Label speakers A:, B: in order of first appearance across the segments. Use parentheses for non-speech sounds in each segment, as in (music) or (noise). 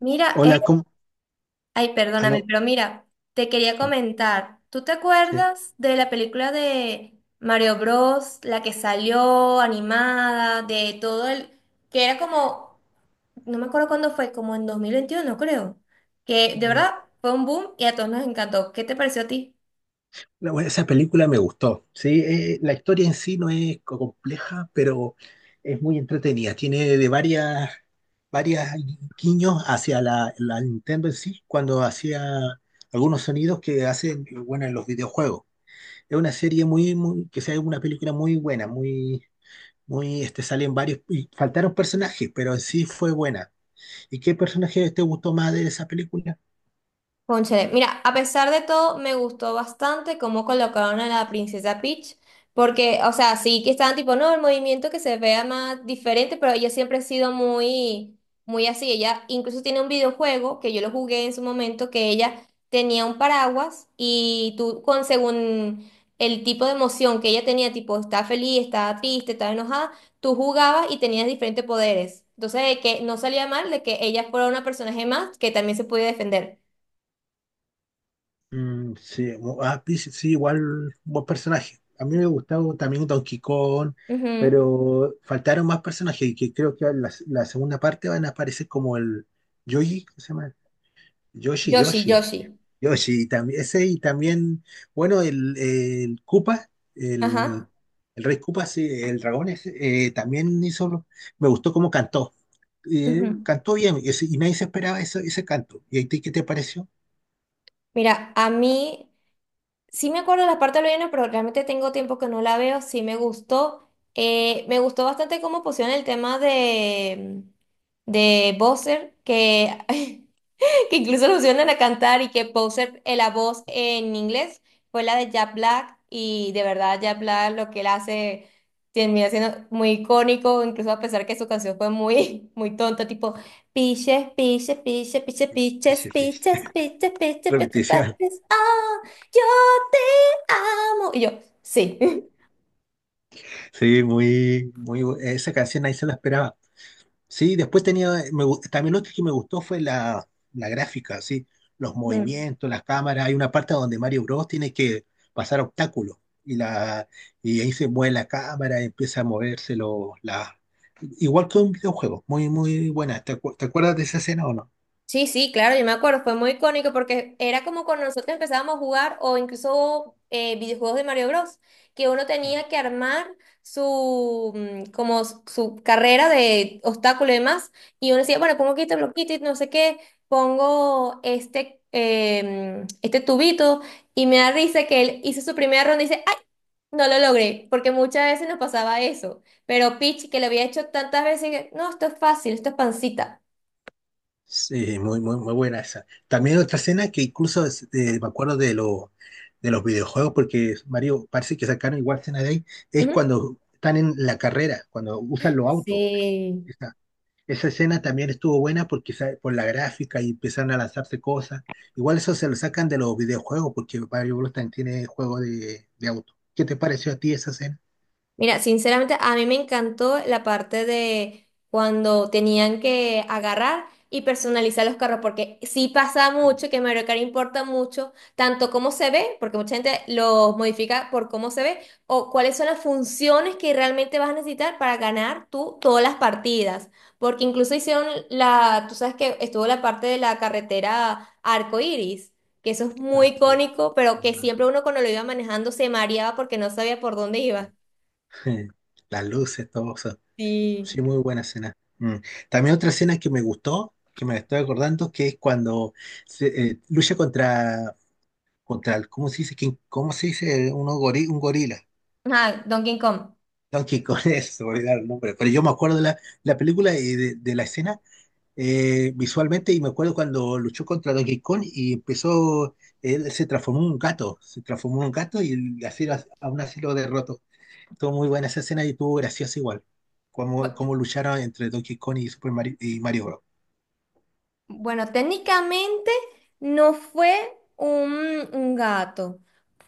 A: Mira,
B: Hola, ¿cómo?
A: ay, perdóname,
B: Aló.
A: pero mira, te quería comentar, ¿tú te
B: Sí.
A: acuerdas de la película de Mario Bros, la que salió animada, de todo el, que era como, no me acuerdo cuándo fue, como en 2021, creo, que de verdad fue un boom y a todos nos encantó. ¿Qué te pareció a ti?
B: Bueno, esa película me gustó. Sí. La historia en sí no es compleja, pero es muy entretenida. Tiene de varias guiños hacia la Nintendo en sí, cuando hacía algunos sonidos que hacen, bueno, en los videojuegos. Es una serie que sea una película muy buena, muy, salen varios, y faltaron personajes, pero en sí fue buena. ¿Y qué personaje te gustó más de esa película?
A: Cónchale, mira, a pesar de todo, me gustó bastante cómo colocaron a la princesa Peach, porque, o sea, sí que estaban tipo, no, el movimiento que se vea más diferente, pero ella siempre ha sido muy, muy así. Ella incluso tiene un videojuego que yo lo jugué en su momento, que ella tenía un paraguas y tú, con según el tipo de emoción que ella tenía, tipo, está feliz, está triste, está enojada, tú jugabas y tenías diferentes poderes. Entonces, que no salía mal de que ella fuera una personaje más que también se podía defender.
B: Sí, Peach, sí, sí, igual un buen personaje. A mí me gustaba también Donkey Kong,
A: Ujú.
B: pero faltaron más personajes y que creo que la segunda parte van a aparecer como el Yoshi, ¿cómo se llama? Yoshi,
A: Yo sí, yo
B: Yoshi,
A: sí.
B: Yoshi, y también, ese y también, bueno, el Koopa, el,
A: Ajá.
B: el Rey Koopa, sí, el dragón ese, también hizo, me gustó cómo cantó. Eh,
A: Ujú.
B: cantó bien y, y nadie se esperaba ese canto. ¿Y a ti qué te pareció?
A: Mira, a mí sí me acuerdo de las partes del pero realmente tengo tiempo que no la veo. Sí me gustó. Me gustó bastante cómo pusieron el tema de Bowser, que (laughs) que incluso lo pusieron a cantar y que Poser, la voz en inglés fue la de Jack Black y de verdad Jack Black lo que él hace termina siendo muy icónico, incluso a pesar que su canción fue muy, (laughs) muy tonta, tipo piches, piches, piches, piches, piches,
B: Ese- ese-
A: piches, piches,
B: (laughs)
A: piches, piches,
B: Repetición.
A: piches, ah, yo te amo. Y yo, sí.
B: Sí, esa canción ahí se la esperaba. Sí, después tenía, también lo otro que me gustó fue la gráfica, sí, los
A: (laughs)
B: movimientos, las cámaras. Hay una parte donde Mario Bros tiene que pasar obstáculos y, la, y ahí se mueve la cámara, empieza a moverse igual que un videojuego. Muy buena. ¿Te, te acuerdas de esa escena o no?
A: Sí, sí, claro, yo me acuerdo, fue muy icónico porque era como cuando nosotros empezábamos a jugar o incluso videojuegos de Mario Bros, que uno tenía que armar su, como su carrera de obstáculos y demás, y uno decía, bueno, pongo quito bloquito y no sé qué, pongo este, este tubito, y me da risa que él hizo su primera ronda y dice, ¡ay! No lo logré, porque muchas veces nos pasaba eso, pero Peach, que lo había hecho tantas veces, que, no, esto es fácil, esto es pancita.
B: Sí, muy buena esa. También otra escena que incluso me acuerdo de, lo, de los videojuegos, porque Mario parece que sacaron igual escena de ahí, es
A: Ujú.
B: cuando están en la carrera, cuando usan los autos.
A: Sí.
B: Esa, esa escena también estuvo buena porque por la gráfica y empezaron a lanzarse cosas. Igual eso se lo sacan de los videojuegos porque Mario Bros. También tiene juego de auto. ¿Qué te pareció a ti esa escena?
A: Mira, sinceramente, a mí me encantó la parte de cuando tenían que agarrar y personalizar los carros, porque sí pasa
B: Mm,
A: mucho que Mario Kart importa mucho, tanto cómo se ve, porque mucha gente los modifica por cómo se ve, o cuáles son las funciones que realmente vas a necesitar para ganar tú todas las partidas. Porque incluso hicieron la, tú sabes que estuvo la parte de la carretera arcoíris que eso es muy
B: claro
A: icónico, pero que
B: mm,
A: siempre uno cuando lo iba manejando se mareaba porque no sabía por dónde iba.
B: (laughs) Las luces, todo.
A: Sí.
B: Sí, muy buena escena. Mm. También otra escena que me gustó, que me la estoy acordando, que es cuando se, lucha contra, ¿cómo se dice? ¿Cómo se dice? Uno un gorila.
A: Ajá, Donkey Kong.
B: Donkey Kong, (laughs) eso, se me olvidaba el nombre. Pero yo me acuerdo de la película y de la escena visualmente y me acuerdo cuando luchó contra Donkey Kong y empezó, él se transformó en un gato, se transformó en un gato y así, aún así lo derrotó. Estuvo muy buena esa escena y estuvo graciosa igual. Cómo,
A: Bu-
B: cómo lucharon entre Donkey Kong y Super Mario, y Mario Bros.
A: Bueno, técnicamente no fue un gato,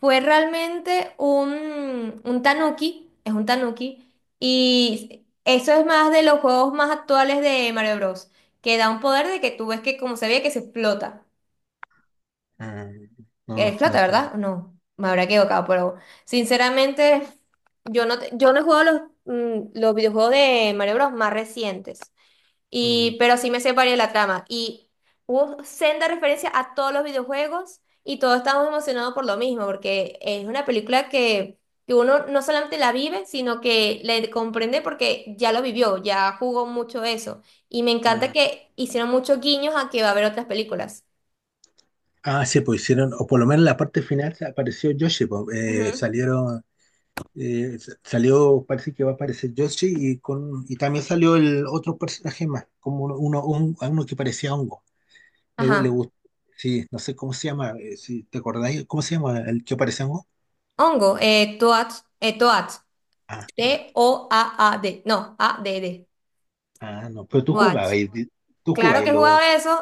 A: fue realmente un tanuki, es un tanuki, y eso es más de los juegos más actuales de Mario Bros, que da un poder de que tú ves que como se ve que se explota,
B: Mm, no,
A: que
B: no,
A: explota,
B: no tenía.
A: ¿verdad? No, me habrá equivocado, pero sinceramente yo no he jugado los videojuegos de Mario Bros más recientes.
B: Mm,
A: Y, pero sí me separé de la trama. Y hubo senda referencia a todos los videojuegos y todos estábamos emocionados por lo mismo, porque es una película que uno no solamente la vive, sino que le comprende porque ya lo vivió, ya jugó mucho eso. Y me encanta
B: ah,
A: que hicieron muchos guiños a que va a haber otras películas.
B: ah, sí, pues hicieron, o por lo menos en la parte final se apareció Yoshi, pues,
A: Ujú.
B: salieron, salió, parece que va a aparecer Yoshi y con y también salió el otro personaje más, como uno, uno, un- a uno que parecía hongo. Le
A: Ajá.
B: gustó, sí, no sé cómo se llama, si te acordáis, ¿cómo se llama el que parecía hongo?
A: Hongo, Toad, Toad,
B: Ah.
A: T-O-A-A-D, no, A-D-D,
B: Ah, no, pero tú
A: Toad.
B: jugabas, tú
A: Claro
B: jugabas
A: que
B: y
A: he jugado
B: lo...
A: eso,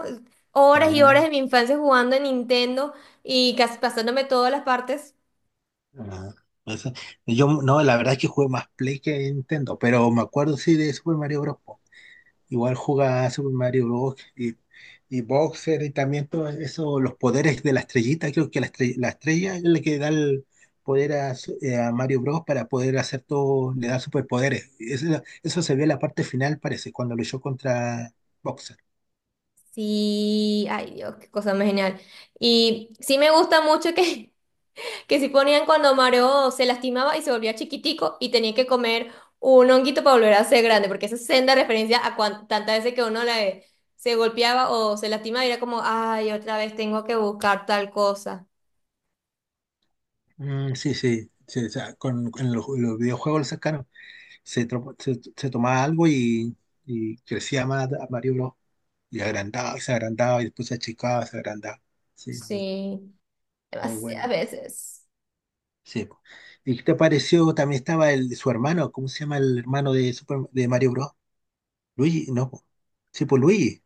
A: horas y horas
B: Ah,
A: de mi infancia jugando en Nintendo y casi pasándome todas las partes.
B: ah, eso- Yo, no, la verdad es que jugué más Play que Nintendo, pero me acuerdo sí de Super Mario Bros. Po. Igual jugaba Super Mario Bros. Y Boxer y también todo eso, los poderes de la estrellita, creo que la estrella es la que da el poder a, a Mario Bros. Para poder hacer todo, le da superpoderes. Eso se ve en la parte final, parece, cuando luchó contra Boxer.
A: Sí, ay Dios, qué cosa más genial. Y sí me gusta mucho que, (laughs) que sí ponían cuando Mario se lastimaba y se volvía chiquitico y tenía que comer un honguito para volver a ser grande, porque esa es senda referencia a tantas veces que uno la, se golpeaba o se lastimaba y era como, ay, otra vez tengo que buscar tal cosa.
B: Mm, sí, sí, sí, o sea, con los videojuegos lo sacaron. Se, se tomaba algo y crecía más Mario Bros. Y agrandaba, se agrandaba y después se achicaba, se agrandaba. Sí, muy,
A: Sí,
B: muy
A: demasiadas
B: buena.
A: veces.
B: Sí. ¿Y qué te pareció? También estaba el, su hermano, ¿cómo se llama el hermano de, Super, de Mario Bros? Luigi, no. Po. Sí, pues Luigi.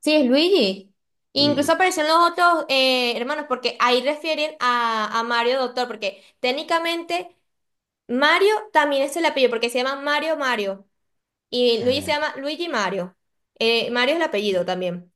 A: Sí, es Luigi.
B: Luigi.
A: Incluso aparecen los otros hermanos, porque ahí refieren a Mario Doctor, porque técnicamente Mario también es el apellido, porque se llama Mario Mario. Y Luigi se
B: Mm.
A: llama Luigi Mario. Mario es el apellido también.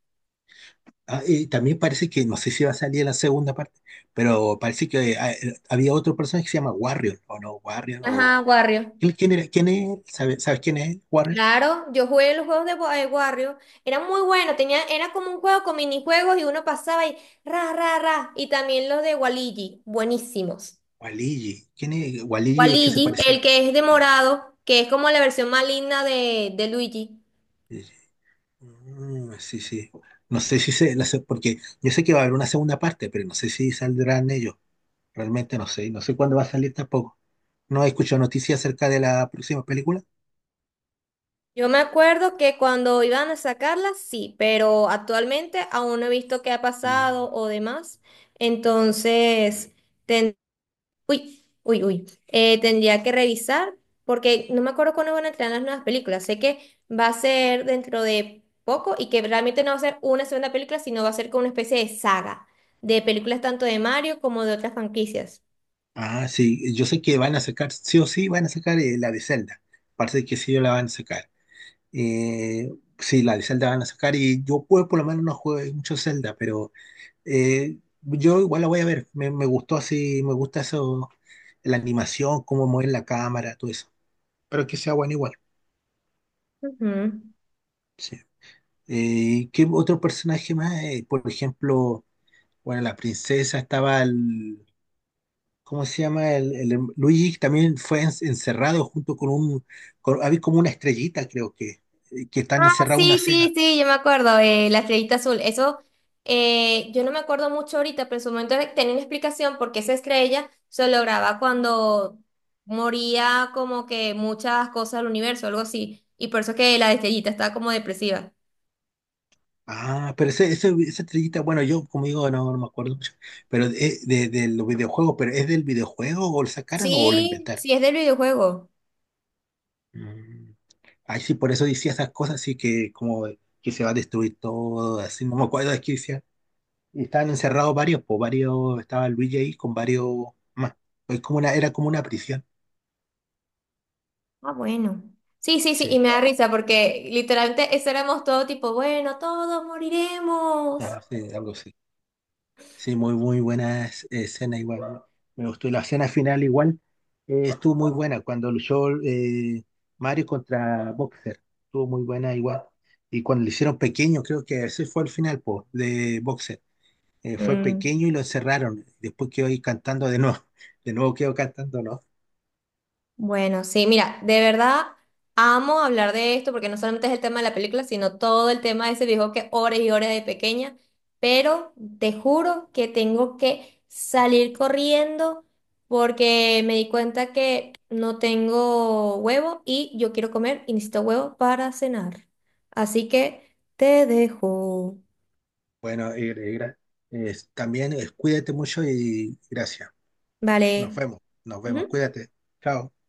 B: Ah, y también parece que, no sé si va a salir la segunda parte, pero parece que había otro personaje que se llama Warrior, o no, Warrior, o...
A: Ajá, Wario.
B: ¿Quién quién era? ¿Quién es él? ¿Sabes quién es él?
A: Claro, yo jugué los juegos de Wario, era muy bueno, tenía, era como un juego con minijuegos y uno pasaba y ra, ra, ra, y también los de Waluigi, buenísimos.
B: Waligi. ¿Quién es? Waligi es que se
A: Waluigi,
B: parece a...
A: el que es de morado, que es como la versión maligna de Luigi.
B: Mm, sí, sí. No sé si se... Porque yo sé que va a haber una segunda parte, pero no sé si saldrán ellos. Realmente no sé. Y no sé cuándo va a salir tampoco. No he escuchado noticias acerca de la próxima película.
A: Yo me acuerdo que cuando iban a sacarla, sí, pero actualmente aún no he visto qué ha
B: Mm.
A: pasado o demás. Entonces, uy, uy, uy, tendría que revisar porque no me acuerdo cuándo van a entrar las nuevas películas. Sé que va a ser dentro de poco y que realmente no va a ser una segunda película, sino va a ser como una especie de saga de películas tanto de Mario como de otras franquicias.
B: Ah, sí. Yo sé que van a sacar, sí o sí, van a sacar la de Zelda. Parece que sí la van a sacar. Eh, sí, la de Zelda van a sacar. Y yo puedo, por lo menos no juego mucho Zelda, pero... yo igual la voy a ver. Me gustó así, me gusta eso, la animación, cómo mueven la cámara, todo eso. Pero que sea bueno igual.
A: Ujú.
B: Sí. ¿Qué otro personaje más? Por ejemplo, bueno, la princesa estaba el, ¿cómo se llama? Luigi también fue encerrado junto con un, había como una estrellita, creo que están
A: Ah,
B: encerrados en una
A: sí, sí,
B: cena.
A: sí, yo me acuerdo, la estrellita azul. Eso, yo no me acuerdo mucho ahorita, pero en su momento tenía una explicación porque esa estrella se lograba cuando moría como que muchas cosas del universo, algo así. Y por eso que la estrellita estaba como depresiva.
B: Ah, pero esa estrellita, bueno, yo como digo, no, no me acuerdo mucho, pero es de los videojuegos, pero ¿es del videojuego o lo sacaron o lo
A: Sí,
B: inventaron?
A: sí, es del videojuego.
B: Mm. Ay, sí, por eso decía esas cosas así que como que se va a destruir todo, así, no me acuerdo de qué decía. Y estaban encerrados varios, pues varios, estaba Luigi ahí con varios más. Es como una, era como una prisión.
A: Ah, bueno. Sí, sí, sí,
B: Sí.
A: y me da risa porque literalmente eso éramos todo tipo, bueno, todos moriremos.
B: Ah, sí, algo así. Sí, muy, muy buena escena igual, ¿no? Me gustó. Y la escena final igual estuvo muy buena cuando luchó Mario contra Boxer. Estuvo muy buena igual. Y cuando le hicieron pequeño, creo que ese fue el final po, de Boxer. Fue
A: Mm.
B: pequeño y lo encerraron. Después quedó ahí cantando de nuevo. (laughs) De nuevo quedó cantando, ¿no?
A: Bueno, sí, mira, de verdad amo hablar de esto porque no solamente es el tema de la película, sino todo el tema de ese viejo que horas y horas de pequeña, pero te juro que tengo que salir corriendo porque me di cuenta que no tengo huevo y yo quiero comer y necesito huevo para cenar. Así que te dejo.
B: Bueno, también cuídate mucho y gracias. Nos
A: Vale.
B: vemos. Nos vemos.
A: Ujú.
B: Cuídate. Chao.